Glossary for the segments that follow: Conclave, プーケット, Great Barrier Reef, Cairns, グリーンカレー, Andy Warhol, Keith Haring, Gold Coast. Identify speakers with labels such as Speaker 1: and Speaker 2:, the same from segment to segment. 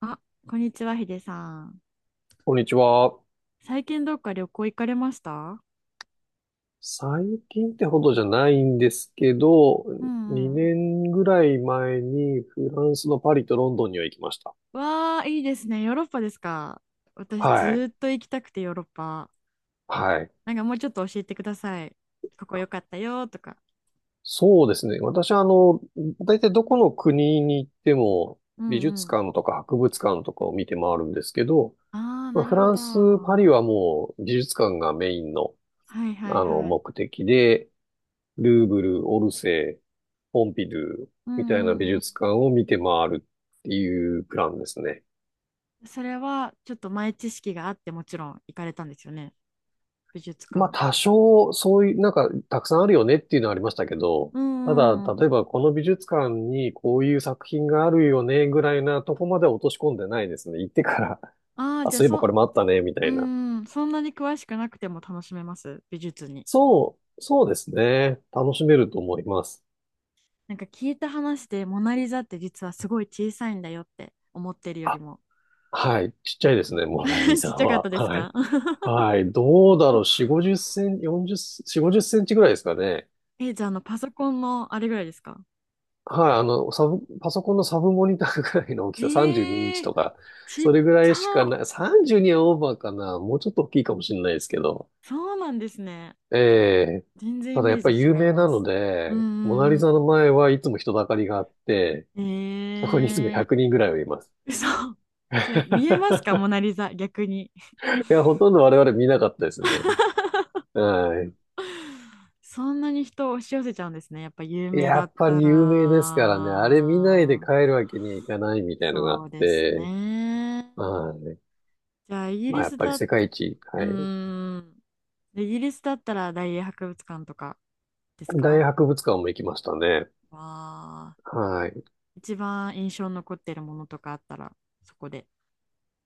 Speaker 1: あ、こんにちは、ヒデさん。
Speaker 2: こんにちは。
Speaker 1: 最近どっか旅行行かれました？
Speaker 2: 最近ってほどじゃないんですけど、
Speaker 1: うんうん。
Speaker 2: 2年ぐらい前にフランスのパリとロンドンには行きました。
Speaker 1: わあ、いいですね。ヨーロッパですか。私、ず
Speaker 2: はい。
Speaker 1: ーっと行きたくて、ヨーロッパ。
Speaker 2: はい。
Speaker 1: なんかもうちょっと教えてください。ここ良かったよとか。
Speaker 2: そうですね。私は大体どこの国に行っても
Speaker 1: う
Speaker 2: 美
Speaker 1: んう
Speaker 2: 術
Speaker 1: ん。
Speaker 2: 館とか博物館とかを見て回るんですけど、
Speaker 1: ああ、
Speaker 2: ま
Speaker 1: な
Speaker 2: あ、
Speaker 1: る
Speaker 2: フ
Speaker 1: ほ
Speaker 2: ラ
Speaker 1: ど。
Speaker 2: ンス、パ
Speaker 1: は
Speaker 2: リはもう美術館がメインの、
Speaker 1: いはい
Speaker 2: あの
Speaker 1: はい。
Speaker 2: 目的で、ルーブル、オルセー、ポンピドゥ
Speaker 1: うんう
Speaker 2: みたいな美
Speaker 1: んうん。
Speaker 2: 術館を見て回るっていうプランですね。
Speaker 1: それは、ちょっと前知識があって、もちろん行かれたんですよね。美術
Speaker 2: まあ
Speaker 1: 館。
Speaker 2: 多少そういう、たくさんあるよねっていうのはありましたけど、
Speaker 1: うん
Speaker 2: ただ
Speaker 1: うんうん。
Speaker 2: 例えばこの美術館にこういう作品があるよねぐらいなとこまで落とし込んでないですね。行ってから、
Speaker 1: あ あ、
Speaker 2: あ、
Speaker 1: じゃあ
Speaker 2: そういえばこ
Speaker 1: そ、
Speaker 2: れもあったねみた
Speaker 1: う
Speaker 2: いな。
Speaker 1: んうん、そんなに詳しくなくても楽しめます。美術に。
Speaker 2: そう、そうですね。楽しめると思います。
Speaker 1: なんか聞いた話でモナ・リザって実はすごい小さいんだよって思ってるより
Speaker 2: あ、
Speaker 1: も。
Speaker 2: はい。ちっち
Speaker 1: よ
Speaker 2: ゃいです
Speaker 1: く
Speaker 2: ね、モナリ ザ
Speaker 1: ちっちゃかっ
Speaker 2: は。
Speaker 1: たです
Speaker 2: はい。
Speaker 1: か？
Speaker 2: はい。どうだろう。4、50センチ、40、4、5センチぐらいですかね。
Speaker 1: え、じゃあ、パソコンのあれぐらいですか？
Speaker 2: はい。あの、パソコンのサブモニターぐらいの大き
Speaker 1: え
Speaker 2: さ、32インチ
Speaker 1: ー、
Speaker 2: とか、
Speaker 1: ちっ
Speaker 2: それぐ
Speaker 1: ち
Speaker 2: らいしか
Speaker 1: ゃ、
Speaker 2: ない。32はオーバーかな。もうちょっと大きいかもしれないですけど。
Speaker 1: そうなんですね。
Speaker 2: ええ。
Speaker 1: 全然イ
Speaker 2: ただや
Speaker 1: メ
Speaker 2: っ
Speaker 1: ー
Speaker 2: ぱり
Speaker 1: ジ
Speaker 2: 有
Speaker 1: と違い
Speaker 2: 名な
Speaker 1: ま
Speaker 2: の
Speaker 1: す。う
Speaker 2: で、モナ
Speaker 1: ん
Speaker 2: リ
Speaker 1: うん
Speaker 2: ザの前はいつも人だかりがあって、
Speaker 1: う
Speaker 2: そこにいつも
Speaker 1: ん。え
Speaker 2: 100人ぐらいはいます。
Speaker 1: ー、嘘。それ見えますか、モナ・ リザ、逆に。
Speaker 2: いや、ほとんど我々見なかったですね。はい。
Speaker 1: そんなに人を押し寄せちゃうんですね。やっぱ有名
Speaker 2: や
Speaker 1: だっ
Speaker 2: っぱ
Speaker 1: た
Speaker 2: り有名ですからね、あれ見ないで
Speaker 1: ら。
Speaker 2: 帰るわけにはいかないみたいのがあ
Speaker 1: そ
Speaker 2: っ
Speaker 1: うです
Speaker 2: て、
Speaker 1: ね。
Speaker 2: はい。
Speaker 1: じゃあ、イギ
Speaker 2: まあ
Speaker 1: リ
Speaker 2: やっ
Speaker 1: ス
Speaker 2: ぱり
Speaker 1: だ、う
Speaker 2: 世界一、はい。
Speaker 1: ーん、イギリスだったら大英博物館とかです
Speaker 2: 大
Speaker 1: か？
Speaker 2: 博物館も行きましたね。
Speaker 1: わあ、
Speaker 2: はい。
Speaker 1: 一番印象に残ってるものとかあったら、そこで。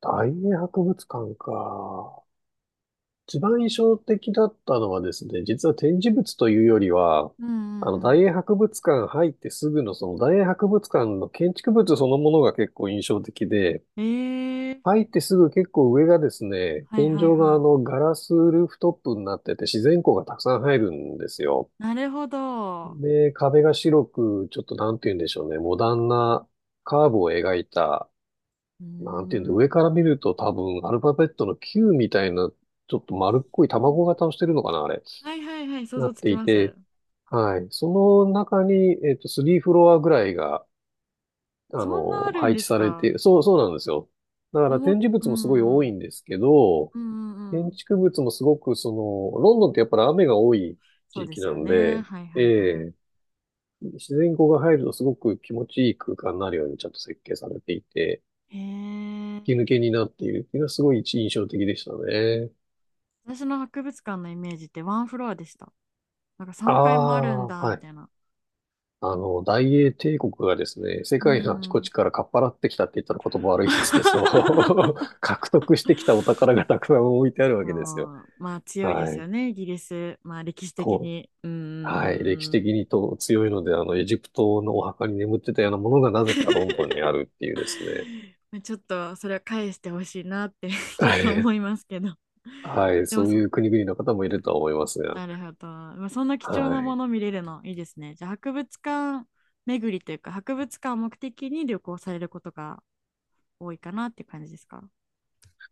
Speaker 2: 大英博物館か。一番印象的だったのはですね、実は展示物というよりは、
Speaker 1: うんうんう
Speaker 2: 大英博物館入ってすぐのその大英博物館の建築物そのものが結構印象的で、
Speaker 1: ん。ええ、
Speaker 2: 入ってすぐ結構上がですね、
Speaker 1: はい
Speaker 2: 天
Speaker 1: はい
Speaker 2: 井があ
Speaker 1: は
Speaker 2: のガラスルーフトップになってて自然光がたくさん入るんですよ。
Speaker 1: い。なるほど。う
Speaker 2: で、壁が白く、ちょっとなんて言うんでしょうね、モダンなカーブを描いた、
Speaker 1: ー
Speaker 2: なんて言うんだ、
Speaker 1: ん。
Speaker 2: 上から見ると多分アルファベットの Q みたいな、ちょっと丸っこい
Speaker 1: うん、
Speaker 2: 卵型をしてるのかな、あれ、
Speaker 1: はいはいはい、想
Speaker 2: な
Speaker 1: 像
Speaker 2: っ
Speaker 1: つ
Speaker 2: て
Speaker 1: き
Speaker 2: い
Speaker 1: ます。
Speaker 2: て、はい。その中に、3フロアぐらいが、
Speaker 1: そんなあるん
Speaker 2: 配
Speaker 1: で
Speaker 2: 置
Speaker 1: す
Speaker 2: されてい
Speaker 1: か？
Speaker 2: る。そう、そうなんですよ。だから展示
Speaker 1: う
Speaker 2: 物もすごい多
Speaker 1: んう
Speaker 2: い
Speaker 1: ん、
Speaker 2: んですけど、
Speaker 1: うんうんう
Speaker 2: 建
Speaker 1: ん。
Speaker 2: 築物もすごく、その、ロンドンってやっぱり雨が多い
Speaker 1: そ
Speaker 2: 地
Speaker 1: うで
Speaker 2: 域
Speaker 1: す
Speaker 2: な
Speaker 1: よ
Speaker 2: の
Speaker 1: ね。
Speaker 2: で、
Speaker 1: はい
Speaker 2: え
Speaker 1: はいは
Speaker 2: え、自然光が入るとすごく気持ちいい空間になるようにちゃんと設計されていて、
Speaker 1: い。へえ。
Speaker 2: 吹き抜けになっているっていうのはすごい印象的でしたね。
Speaker 1: 私の博物館のイメージってワンフロアでした。なんか
Speaker 2: あ
Speaker 1: 3階もあるん
Speaker 2: あ、
Speaker 1: だ、
Speaker 2: は
Speaker 1: み
Speaker 2: い。
Speaker 1: たいな。
Speaker 2: 大英帝国がですね、世
Speaker 1: うー
Speaker 2: 界のあちこち
Speaker 1: ん。
Speaker 2: からかっぱらってきたって言ったら言葉悪いですけど、獲得してきたお宝がたくさん置いてあるわけですよ。
Speaker 1: あー、まあ強いで
Speaker 2: は
Speaker 1: す
Speaker 2: い。
Speaker 1: よね、イギリス。まあ歴史的
Speaker 2: う。
Speaker 1: に。うー
Speaker 2: はい。歴史
Speaker 1: ん。
Speaker 2: 的にと強いので、エジプトのお墓に眠ってたようなものがなぜかロンドンにあ るっていうですね。
Speaker 1: まあちょっとそれは返してほしいなって ちょっ
Speaker 2: は
Speaker 1: と
Speaker 2: い。
Speaker 1: 思いますけど。
Speaker 2: はい。
Speaker 1: でも
Speaker 2: そう
Speaker 1: そ
Speaker 2: い
Speaker 1: う、
Speaker 2: う国々の方もいるとは思いますが。
Speaker 1: なるほど。まあ、そんな貴重
Speaker 2: は
Speaker 1: なも
Speaker 2: い。
Speaker 1: の見れるのいいですね。じゃあ博物館巡りというか博物館を目的に旅行されることが多いかなって感じですか？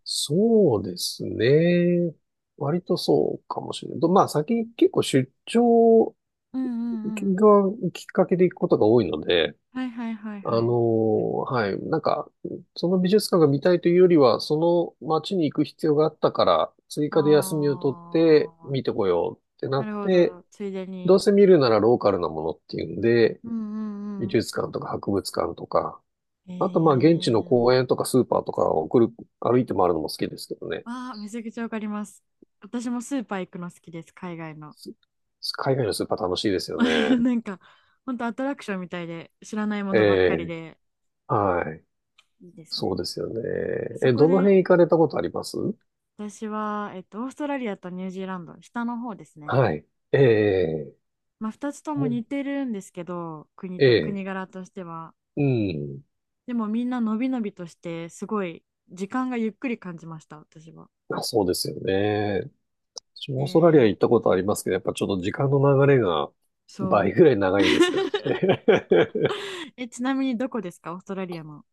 Speaker 2: そうですね。割とそうかもしれない。とまあ、先に結構出張
Speaker 1: うんうんうん。
Speaker 2: がきっかけで行くことが多いので、
Speaker 1: はいはいはいはい。
Speaker 2: はい。その美術館が見たいというよりは、その街に行く必要があったから、追加で休みを取っ
Speaker 1: あ
Speaker 2: て
Speaker 1: あ、
Speaker 2: 見てこようってな
Speaker 1: な
Speaker 2: っ
Speaker 1: るほ
Speaker 2: て、
Speaker 1: ど。ついで
Speaker 2: どう
Speaker 1: に。
Speaker 2: せ見るならローカルなものっていうんで、
Speaker 1: うんう
Speaker 2: 美
Speaker 1: んうん。
Speaker 2: 術館とか博物館とか、
Speaker 1: え
Speaker 2: あとまあ現地の公
Speaker 1: ー、
Speaker 2: 園とかスーパーとかを送る、歩いて回るのも好きですけどね。
Speaker 1: ああ、めちゃくちゃわかります。私もスーパー行くの好きです、海外の。
Speaker 2: 海外のスーパー楽しいですよね。
Speaker 1: なんか、ほんとアトラクションみたいで、知らないも
Speaker 2: え
Speaker 1: のばっかり
Speaker 2: え、
Speaker 1: で、
Speaker 2: はい。
Speaker 1: いいです
Speaker 2: そう
Speaker 1: ね。
Speaker 2: ですよね。
Speaker 1: そ
Speaker 2: え、
Speaker 1: こ
Speaker 2: どの
Speaker 1: で、
Speaker 2: 辺行かれたことあります
Speaker 1: 私は、オーストラリアとニュージーランド、下の方ですね。
Speaker 2: はい。ええ、
Speaker 1: まあ、2つとも似てるんですけど、国
Speaker 2: え
Speaker 1: と、国
Speaker 2: え、
Speaker 1: 柄としては。
Speaker 2: うん。
Speaker 1: でもみんなのびのびとしてすごい時間がゆっくり感じました私は。
Speaker 2: あ、そうですよね。私もオーストラリア
Speaker 1: で、
Speaker 2: 行ったことありますけど、やっぱちょっと時間の流れが
Speaker 1: そ
Speaker 2: 倍
Speaker 1: う、
Speaker 2: ぐらい長 いですよね。
Speaker 1: え、ちなみにどこですか、オーストラリアの、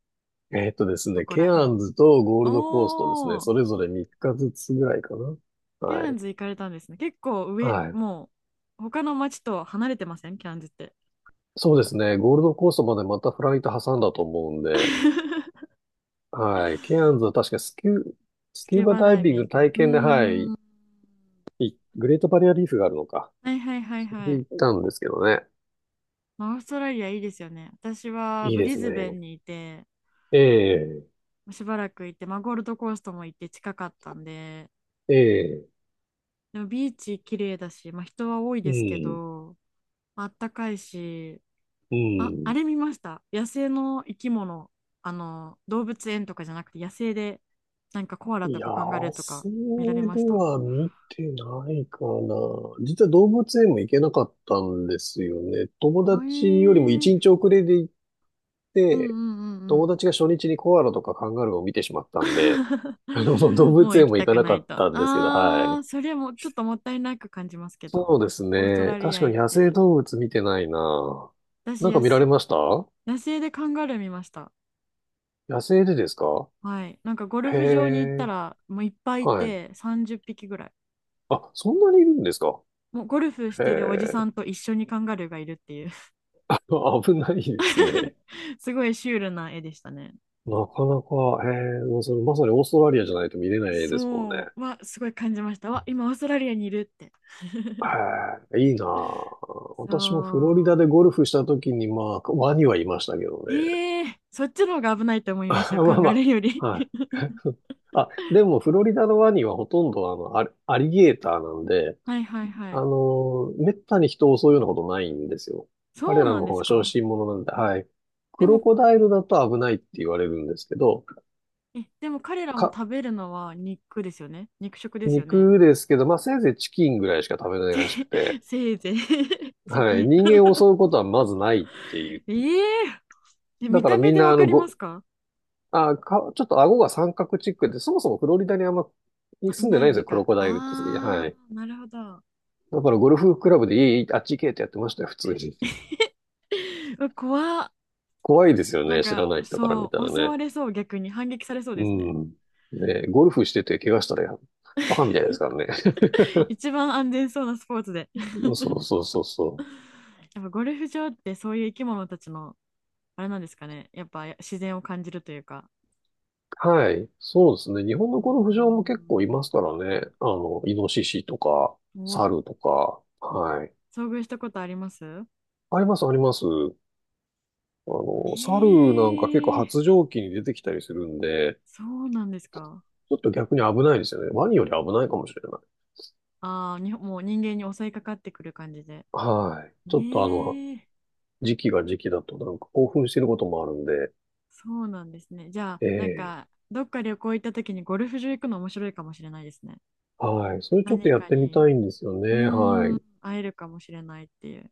Speaker 2: です
Speaker 1: ど
Speaker 2: ね、
Speaker 1: こ
Speaker 2: ケ
Speaker 1: ら
Speaker 2: ア
Speaker 1: 辺？
Speaker 2: ンズとゴールドコーストですね、
Speaker 1: おー、
Speaker 2: それぞれ3日ずつぐらいかな。
Speaker 1: ケ
Speaker 2: は
Speaker 1: アン
Speaker 2: い。
Speaker 1: ズ行かれたんですね、結構上
Speaker 2: はい。
Speaker 1: も？う、他の町と離れてません、ケアンズって？
Speaker 2: そうですね、ゴールドコーストまでまたフライト挟んだと思うんで、はい。ケアンズは確かス
Speaker 1: ス
Speaker 2: キ
Speaker 1: キ
Speaker 2: ュー
Speaker 1: ュー
Speaker 2: バ
Speaker 1: バ
Speaker 2: ダイ
Speaker 1: ダイ
Speaker 2: ビン
Speaker 1: ビ
Speaker 2: グ
Speaker 1: ング、
Speaker 2: 体
Speaker 1: う
Speaker 2: 験で、は
Speaker 1: ー
Speaker 2: い、
Speaker 1: ん、
Speaker 2: グレートバリアリーフがあるのか。
Speaker 1: はいはいはい
Speaker 2: それ
Speaker 1: は
Speaker 2: で
Speaker 1: い。
Speaker 2: 行ったんですけどね。
Speaker 1: まあオーストラリアいいですよね、私は
Speaker 2: いい
Speaker 1: ブ
Speaker 2: で
Speaker 1: リ
Speaker 2: す
Speaker 1: ズベ
Speaker 2: ね。
Speaker 1: ンにいて、
Speaker 2: ええ、
Speaker 1: しばらくいて、まあ、ゴールドコーストも行って近かったんで。
Speaker 2: ええ、
Speaker 1: でもビーチ綺麗だし、まあ、人は多い
Speaker 2: う
Speaker 1: ですけ
Speaker 2: ん、
Speaker 1: ど、まああったかいし、
Speaker 2: う
Speaker 1: あ、あ
Speaker 2: ん。
Speaker 1: れ見ました。野生の生き物、あの、動物園とかじゃなくて野生で、なんかコアラとかカンガルー
Speaker 2: 野
Speaker 1: とか
Speaker 2: 生
Speaker 1: 見られまし
Speaker 2: で
Speaker 1: た？
Speaker 2: は見てないかな。実は動物園も行けなかったんですよね。友
Speaker 1: え
Speaker 2: 達より
Speaker 1: ー、
Speaker 2: も一日遅れで行っ
Speaker 1: うんう
Speaker 2: て、
Speaker 1: んうんう
Speaker 2: 友
Speaker 1: ん。
Speaker 2: 達が初日にコアラとかカンガルーを見てしまったんで、動
Speaker 1: もう
Speaker 2: 物園
Speaker 1: 行き
Speaker 2: も行
Speaker 1: た
Speaker 2: か
Speaker 1: く
Speaker 2: な
Speaker 1: な
Speaker 2: か
Speaker 1: い
Speaker 2: っ
Speaker 1: と。
Speaker 2: たんですけど、は
Speaker 1: あ
Speaker 2: い。
Speaker 1: ー、それもちょっともったいなく感じますけど、
Speaker 2: そうです
Speaker 1: オースト
Speaker 2: ね。
Speaker 1: ラリ
Speaker 2: 確
Speaker 1: ア
Speaker 2: かに
Speaker 1: 行っ
Speaker 2: 野生
Speaker 1: て、
Speaker 2: 動物見てないな。
Speaker 1: 私
Speaker 2: なんか
Speaker 1: 野
Speaker 2: 見られ
Speaker 1: 生、
Speaker 2: ました、野
Speaker 1: 野生でカンガルー見ました。
Speaker 2: 生でですか。
Speaker 1: はい。なんかゴル
Speaker 2: へ
Speaker 1: フ場に行った
Speaker 2: え、
Speaker 1: ら、もういっぱいい
Speaker 2: はい。
Speaker 1: て30匹ぐらい。
Speaker 2: あ、そんなにいるんですか。
Speaker 1: もうゴルフし
Speaker 2: へ
Speaker 1: てるおじさ
Speaker 2: え、
Speaker 1: んと一緒にカンガルーがいるっていう。
Speaker 2: 危ないですね。
Speaker 1: すごいシュールな絵でしたね。
Speaker 2: なかなか、へえ、もうそれまさにオーストラリアじゃないと見れないですもんね。
Speaker 1: そうはすごい感じました。わ、今オーストラリアにいるって。
Speaker 2: へえ、いいなあ。私もフロリダ
Speaker 1: そう。
Speaker 2: でゴルフした時に、まあ、ワニはいましたけどね。
Speaker 1: ええー、そっちの方が危ないと思 い
Speaker 2: ま
Speaker 1: ますよ、カ
Speaker 2: あ
Speaker 1: ンガルー
Speaker 2: ま
Speaker 1: より。
Speaker 2: あ、はい。あ、でもフロリダのワニはほとんどあの、アリアリゲーターなんで、
Speaker 1: はいはいはい。
Speaker 2: めったに人を襲うようなことないんですよ。彼
Speaker 1: そう
Speaker 2: ら
Speaker 1: なん
Speaker 2: の
Speaker 1: で
Speaker 2: 方が
Speaker 1: す
Speaker 2: 小
Speaker 1: か。
Speaker 2: 心者なんで、はい。
Speaker 1: で
Speaker 2: クロ
Speaker 1: も、
Speaker 2: コダイルだと危ないって言われるんですけど、
Speaker 1: え、でも彼らも
Speaker 2: か、
Speaker 1: 食べるのは肉ですよね。肉食ですよね。
Speaker 2: 肉ですけど、まあせいぜいチキンぐらいしか食べな
Speaker 1: せ、
Speaker 2: いらしくて、
Speaker 1: せいぜい ち
Speaker 2: は
Speaker 1: げ
Speaker 2: い。
Speaker 1: え。
Speaker 2: 人間を襲うことはまずないっていう。
Speaker 1: えええ、
Speaker 2: だ
Speaker 1: 見
Speaker 2: から
Speaker 1: た
Speaker 2: み
Speaker 1: 目
Speaker 2: ん
Speaker 1: で
Speaker 2: な、
Speaker 1: わ
Speaker 2: あ
Speaker 1: か
Speaker 2: の、
Speaker 1: りま
Speaker 2: ご、
Speaker 1: すか？
Speaker 2: あ、か、ちょっと顎が三角チックで、そもそもフロリダにあんまに
Speaker 1: あ、い
Speaker 2: 住んで
Speaker 1: な
Speaker 2: ない
Speaker 1: い
Speaker 2: んで
Speaker 1: ん
Speaker 2: す
Speaker 1: で
Speaker 2: よ、クロ
Speaker 1: か。
Speaker 2: コダイルって。
Speaker 1: あ
Speaker 2: はい。
Speaker 1: ー、なるほど。
Speaker 2: だからゴルフクラブでいいあっち行けってやってましたよ、普通に。
Speaker 1: うわ怖っ。
Speaker 2: 怖いですよ
Speaker 1: なん
Speaker 2: ね、知ら
Speaker 1: か、
Speaker 2: ない人から見
Speaker 1: そ
Speaker 2: た
Speaker 1: う、
Speaker 2: ら
Speaker 1: 襲わ
Speaker 2: ね。
Speaker 1: れそう、逆に反撃されそう
Speaker 2: う
Speaker 1: ですね。
Speaker 2: ん。ね、ゴルフしてて怪我したらバカみたいですからね。
Speaker 1: 一番安全そうなスポーツで。
Speaker 2: そうそうそうそう。
Speaker 1: やっぱゴルフ場ってそういう生き物たちの、あれなんですかね。やっぱ自然を感じるというか。
Speaker 2: はい。そうですね。日本の
Speaker 1: うー
Speaker 2: ゴルフ場も結構い
Speaker 1: ん。
Speaker 2: ますからね。イノシシとか、
Speaker 1: うわ、
Speaker 2: 猿とか、はい。
Speaker 1: 遭遇したことあります？
Speaker 2: あります、あります。
Speaker 1: え
Speaker 2: 猿なんか結構
Speaker 1: ー、
Speaker 2: 発情期に出てきたりするんで、
Speaker 1: そうなんですか。
Speaker 2: ちょっと逆に危ないですよね。ワニより危ないかもしれない。
Speaker 1: ああ、に、もう人間に襲いかかってくる感じで。
Speaker 2: はい。ちょっと
Speaker 1: ええ、
Speaker 2: 時期が時期だとなんか興奮してることもあるんで、
Speaker 1: そうなんですね。じゃあ、なん
Speaker 2: ええ、
Speaker 1: か、どっか旅行行った時にゴルフ場行くの面白いかもしれないですね。
Speaker 2: はい。それちょっと
Speaker 1: 何
Speaker 2: やっ
Speaker 1: か
Speaker 2: てみ
Speaker 1: に、
Speaker 2: たいんですよ
Speaker 1: う
Speaker 2: ね。は
Speaker 1: ーん、
Speaker 2: い。
Speaker 1: 会えるかもしれないっていう。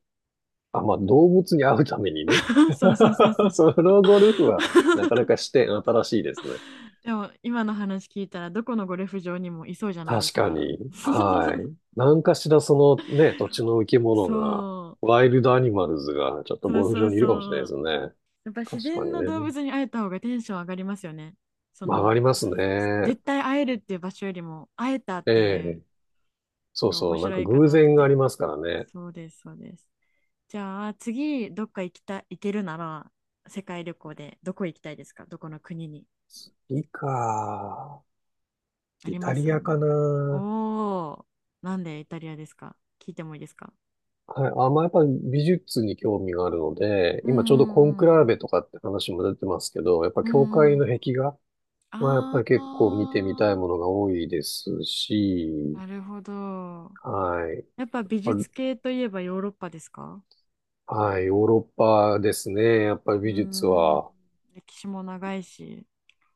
Speaker 2: あ、まあ、動物に会うためにね。
Speaker 1: そうそうそうそ う。
Speaker 2: ソロゴルフはなかなか視 点新しいですね。
Speaker 1: でも、今の話聞いたら、どこのゴルフ場にもいそうじゃないで
Speaker 2: 確
Speaker 1: す
Speaker 2: か
Speaker 1: か。
Speaker 2: に。は い。何かしらそのね、土地の生き物
Speaker 1: そ
Speaker 2: が、ワイルドアニマルズがちょっと
Speaker 1: う、そう
Speaker 2: ゴルフ
Speaker 1: そ
Speaker 2: 場
Speaker 1: う
Speaker 2: にいるかもしれない
Speaker 1: そ
Speaker 2: です
Speaker 1: う。
Speaker 2: よね。
Speaker 1: やっぱ自
Speaker 2: 確か
Speaker 1: 然
Speaker 2: に
Speaker 1: の動
Speaker 2: ね。
Speaker 1: 物に会えた方がテンション上がりますよね。そ
Speaker 2: 曲が
Speaker 1: の、
Speaker 2: りますね。
Speaker 1: 絶対会えるっていう場所よりも、会えたっ
Speaker 2: え
Speaker 1: ていう、
Speaker 2: え。
Speaker 1: な
Speaker 2: そ
Speaker 1: ん
Speaker 2: う
Speaker 1: か面
Speaker 2: そう。なん
Speaker 1: 白
Speaker 2: か
Speaker 1: いか
Speaker 2: 偶
Speaker 1: なっ
Speaker 2: 然があ
Speaker 1: て。
Speaker 2: りますからね。
Speaker 1: そうです、そうです。じゃあ、次、どっか行きた、行けるなら、世界旅行でどこ行きたいですか、どこの国に。
Speaker 2: いいか。
Speaker 1: あ
Speaker 2: イ
Speaker 1: り
Speaker 2: タ
Speaker 1: ます
Speaker 2: リ
Speaker 1: な
Speaker 2: アか
Speaker 1: んか？
Speaker 2: な。
Speaker 1: おー、なんでイタリアですか、聞いてもいいですか？
Speaker 2: はい。あ、まあ、やっぱり美術に興味があるので、
Speaker 1: うんう
Speaker 2: 今ちょうどコンク
Speaker 1: ん
Speaker 2: ラ
Speaker 1: う
Speaker 2: ー
Speaker 1: ん
Speaker 2: ベとかって話も出てますけど、やっぱ
Speaker 1: う
Speaker 2: 教
Speaker 1: ん
Speaker 2: 会
Speaker 1: うん、
Speaker 2: の壁画
Speaker 1: あ
Speaker 2: はやっぱり結構見てみたい
Speaker 1: あ、
Speaker 2: ものが多いですし、
Speaker 1: なるほど。
Speaker 2: はい。
Speaker 1: やっぱ美術
Speaker 2: あ、
Speaker 1: 系といえばヨーロッパですか？
Speaker 2: はい、ヨーロッパですね。やっぱり
Speaker 1: うー
Speaker 2: 美術
Speaker 1: ん、
Speaker 2: は、
Speaker 1: 歴史も長いし、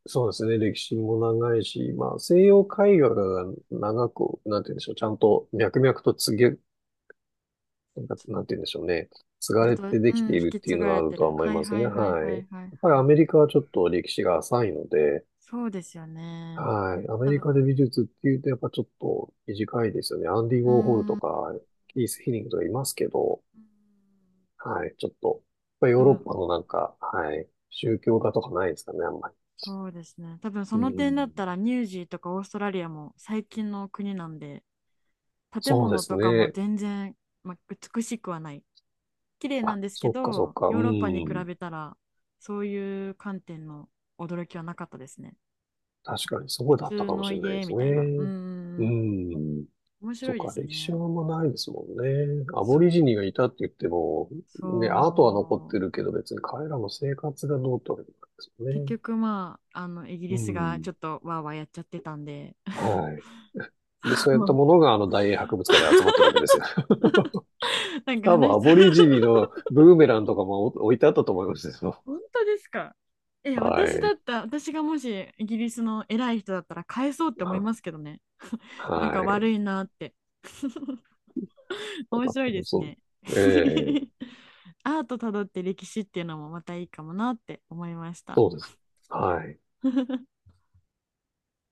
Speaker 2: そうですね。歴史も長いし、まあ、西洋絵画が長く、なんて言うんでしょう。ちゃんと脈々となんて言うんでしょうね。継が
Speaker 1: ずっ
Speaker 2: れ
Speaker 1: と、
Speaker 2: て
Speaker 1: う
Speaker 2: でき
Speaker 1: ん、
Speaker 2: て
Speaker 1: 引
Speaker 2: いるっ
Speaker 1: き
Speaker 2: てい
Speaker 1: 継
Speaker 2: うの
Speaker 1: が
Speaker 2: があ
Speaker 1: れ
Speaker 2: る
Speaker 1: て
Speaker 2: とは
Speaker 1: る。
Speaker 2: 思い
Speaker 1: はい
Speaker 2: ます
Speaker 1: は
Speaker 2: ね。
Speaker 1: いはい
Speaker 2: はい。
Speaker 1: は
Speaker 2: や
Speaker 1: い
Speaker 2: っ
Speaker 1: はい
Speaker 2: ぱ
Speaker 1: は
Speaker 2: りア
Speaker 1: い。
Speaker 2: メリカはちょっと歴史が浅いので、
Speaker 1: そうですよね。
Speaker 2: はい。アメ
Speaker 1: 多
Speaker 2: リカ
Speaker 1: 分
Speaker 2: で美術っていうと、やっぱちょっと短いですよね。アンディ・ウ
Speaker 1: う
Speaker 2: ォーホル
Speaker 1: ー
Speaker 2: と
Speaker 1: ん。
Speaker 2: か、キース・ヒリングとかいますけど、はい。ちょっと、まあヨ
Speaker 1: 多
Speaker 2: ーロッ
Speaker 1: 分、
Speaker 2: パのはい。宗教画とかないですかね、あんまり。
Speaker 1: そうですね。多分そ
Speaker 2: う
Speaker 1: の点だっ
Speaker 2: ん。
Speaker 1: たらニュージーとかオーストラリアも最近の国なんで、建
Speaker 2: そうで
Speaker 1: 物
Speaker 2: す
Speaker 1: とかも
Speaker 2: ね。
Speaker 1: 全然、ま、美しくはない。綺麗な
Speaker 2: あ、
Speaker 1: んですけ
Speaker 2: そっかそっ
Speaker 1: ど、
Speaker 2: か。う
Speaker 1: ヨーロッパに比
Speaker 2: ん。
Speaker 1: べたら、そういう観点の驚きはなかったですね。
Speaker 2: 確かにそ
Speaker 1: 普
Speaker 2: うだった
Speaker 1: 通
Speaker 2: かもし
Speaker 1: の
Speaker 2: れないで
Speaker 1: 家
Speaker 2: す
Speaker 1: みたいな。うー
Speaker 2: ね。う
Speaker 1: ん。
Speaker 2: ん。
Speaker 1: 面
Speaker 2: そ
Speaker 1: 白
Speaker 2: っ
Speaker 1: いで
Speaker 2: か、
Speaker 1: す
Speaker 2: 歴史
Speaker 1: ね。
Speaker 2: はあんまないですもんね。ア
Speaker 1: そ
Speaker 2: ボ
Speaker 1: う。
Speaker 2: リジニがいたって言っても、ね、アートは残っ
Speaker 1: そ
Speaker 2: てる
Speaker 1: う。
Speaker 2: けど別に彼らの生活がどうってわけじゃないです
Speaker 1: 結
Speaker 2: よね。
Speaker 1: 局まあ、イギ
Speaker 2: う
Speaker 1: リスが
Speaker 2: ん。
Speaker 1: ちょっとわーわーやっちゃってたんで、
Speaker 2: はい。で、そういったものがあの大英博物館に集まってるわけですよ。
Speaker 1: なんか
Speaker 2: 多分
Speaker 1: 話
Speaker 2: ア
Speaker 1: した
Speaker 2: ボリジニのブーメランとかも置いてあったと思いますけど、
Speaker 1: 本当ですか？え、
Speaker 2: は
Speaker 1: 私だ
Speaker 2: い。
Speaker 1: った、私がもしイギリスの偉い人だったら返そうって思い
Speaker 2: は
Speaker 1: ますけどね。なん
Speaker 2: は
Speaker 1: か
Speaker 2: い。
Speaker 1: 悪いなって。面
Speaker 2: まあ、
Speaker 1: 白
Speaker 2: 多
Speaker 1: いで
Speaker 2: 分
Speaker 1: す
Speaker 2: そ
Speaker 1: ね。
Speaker 2: う。ええ、
Speaker 1: アートたどって歴史っていうのもまたいいかもなって思いました。
Speaker 2: そうです。はい。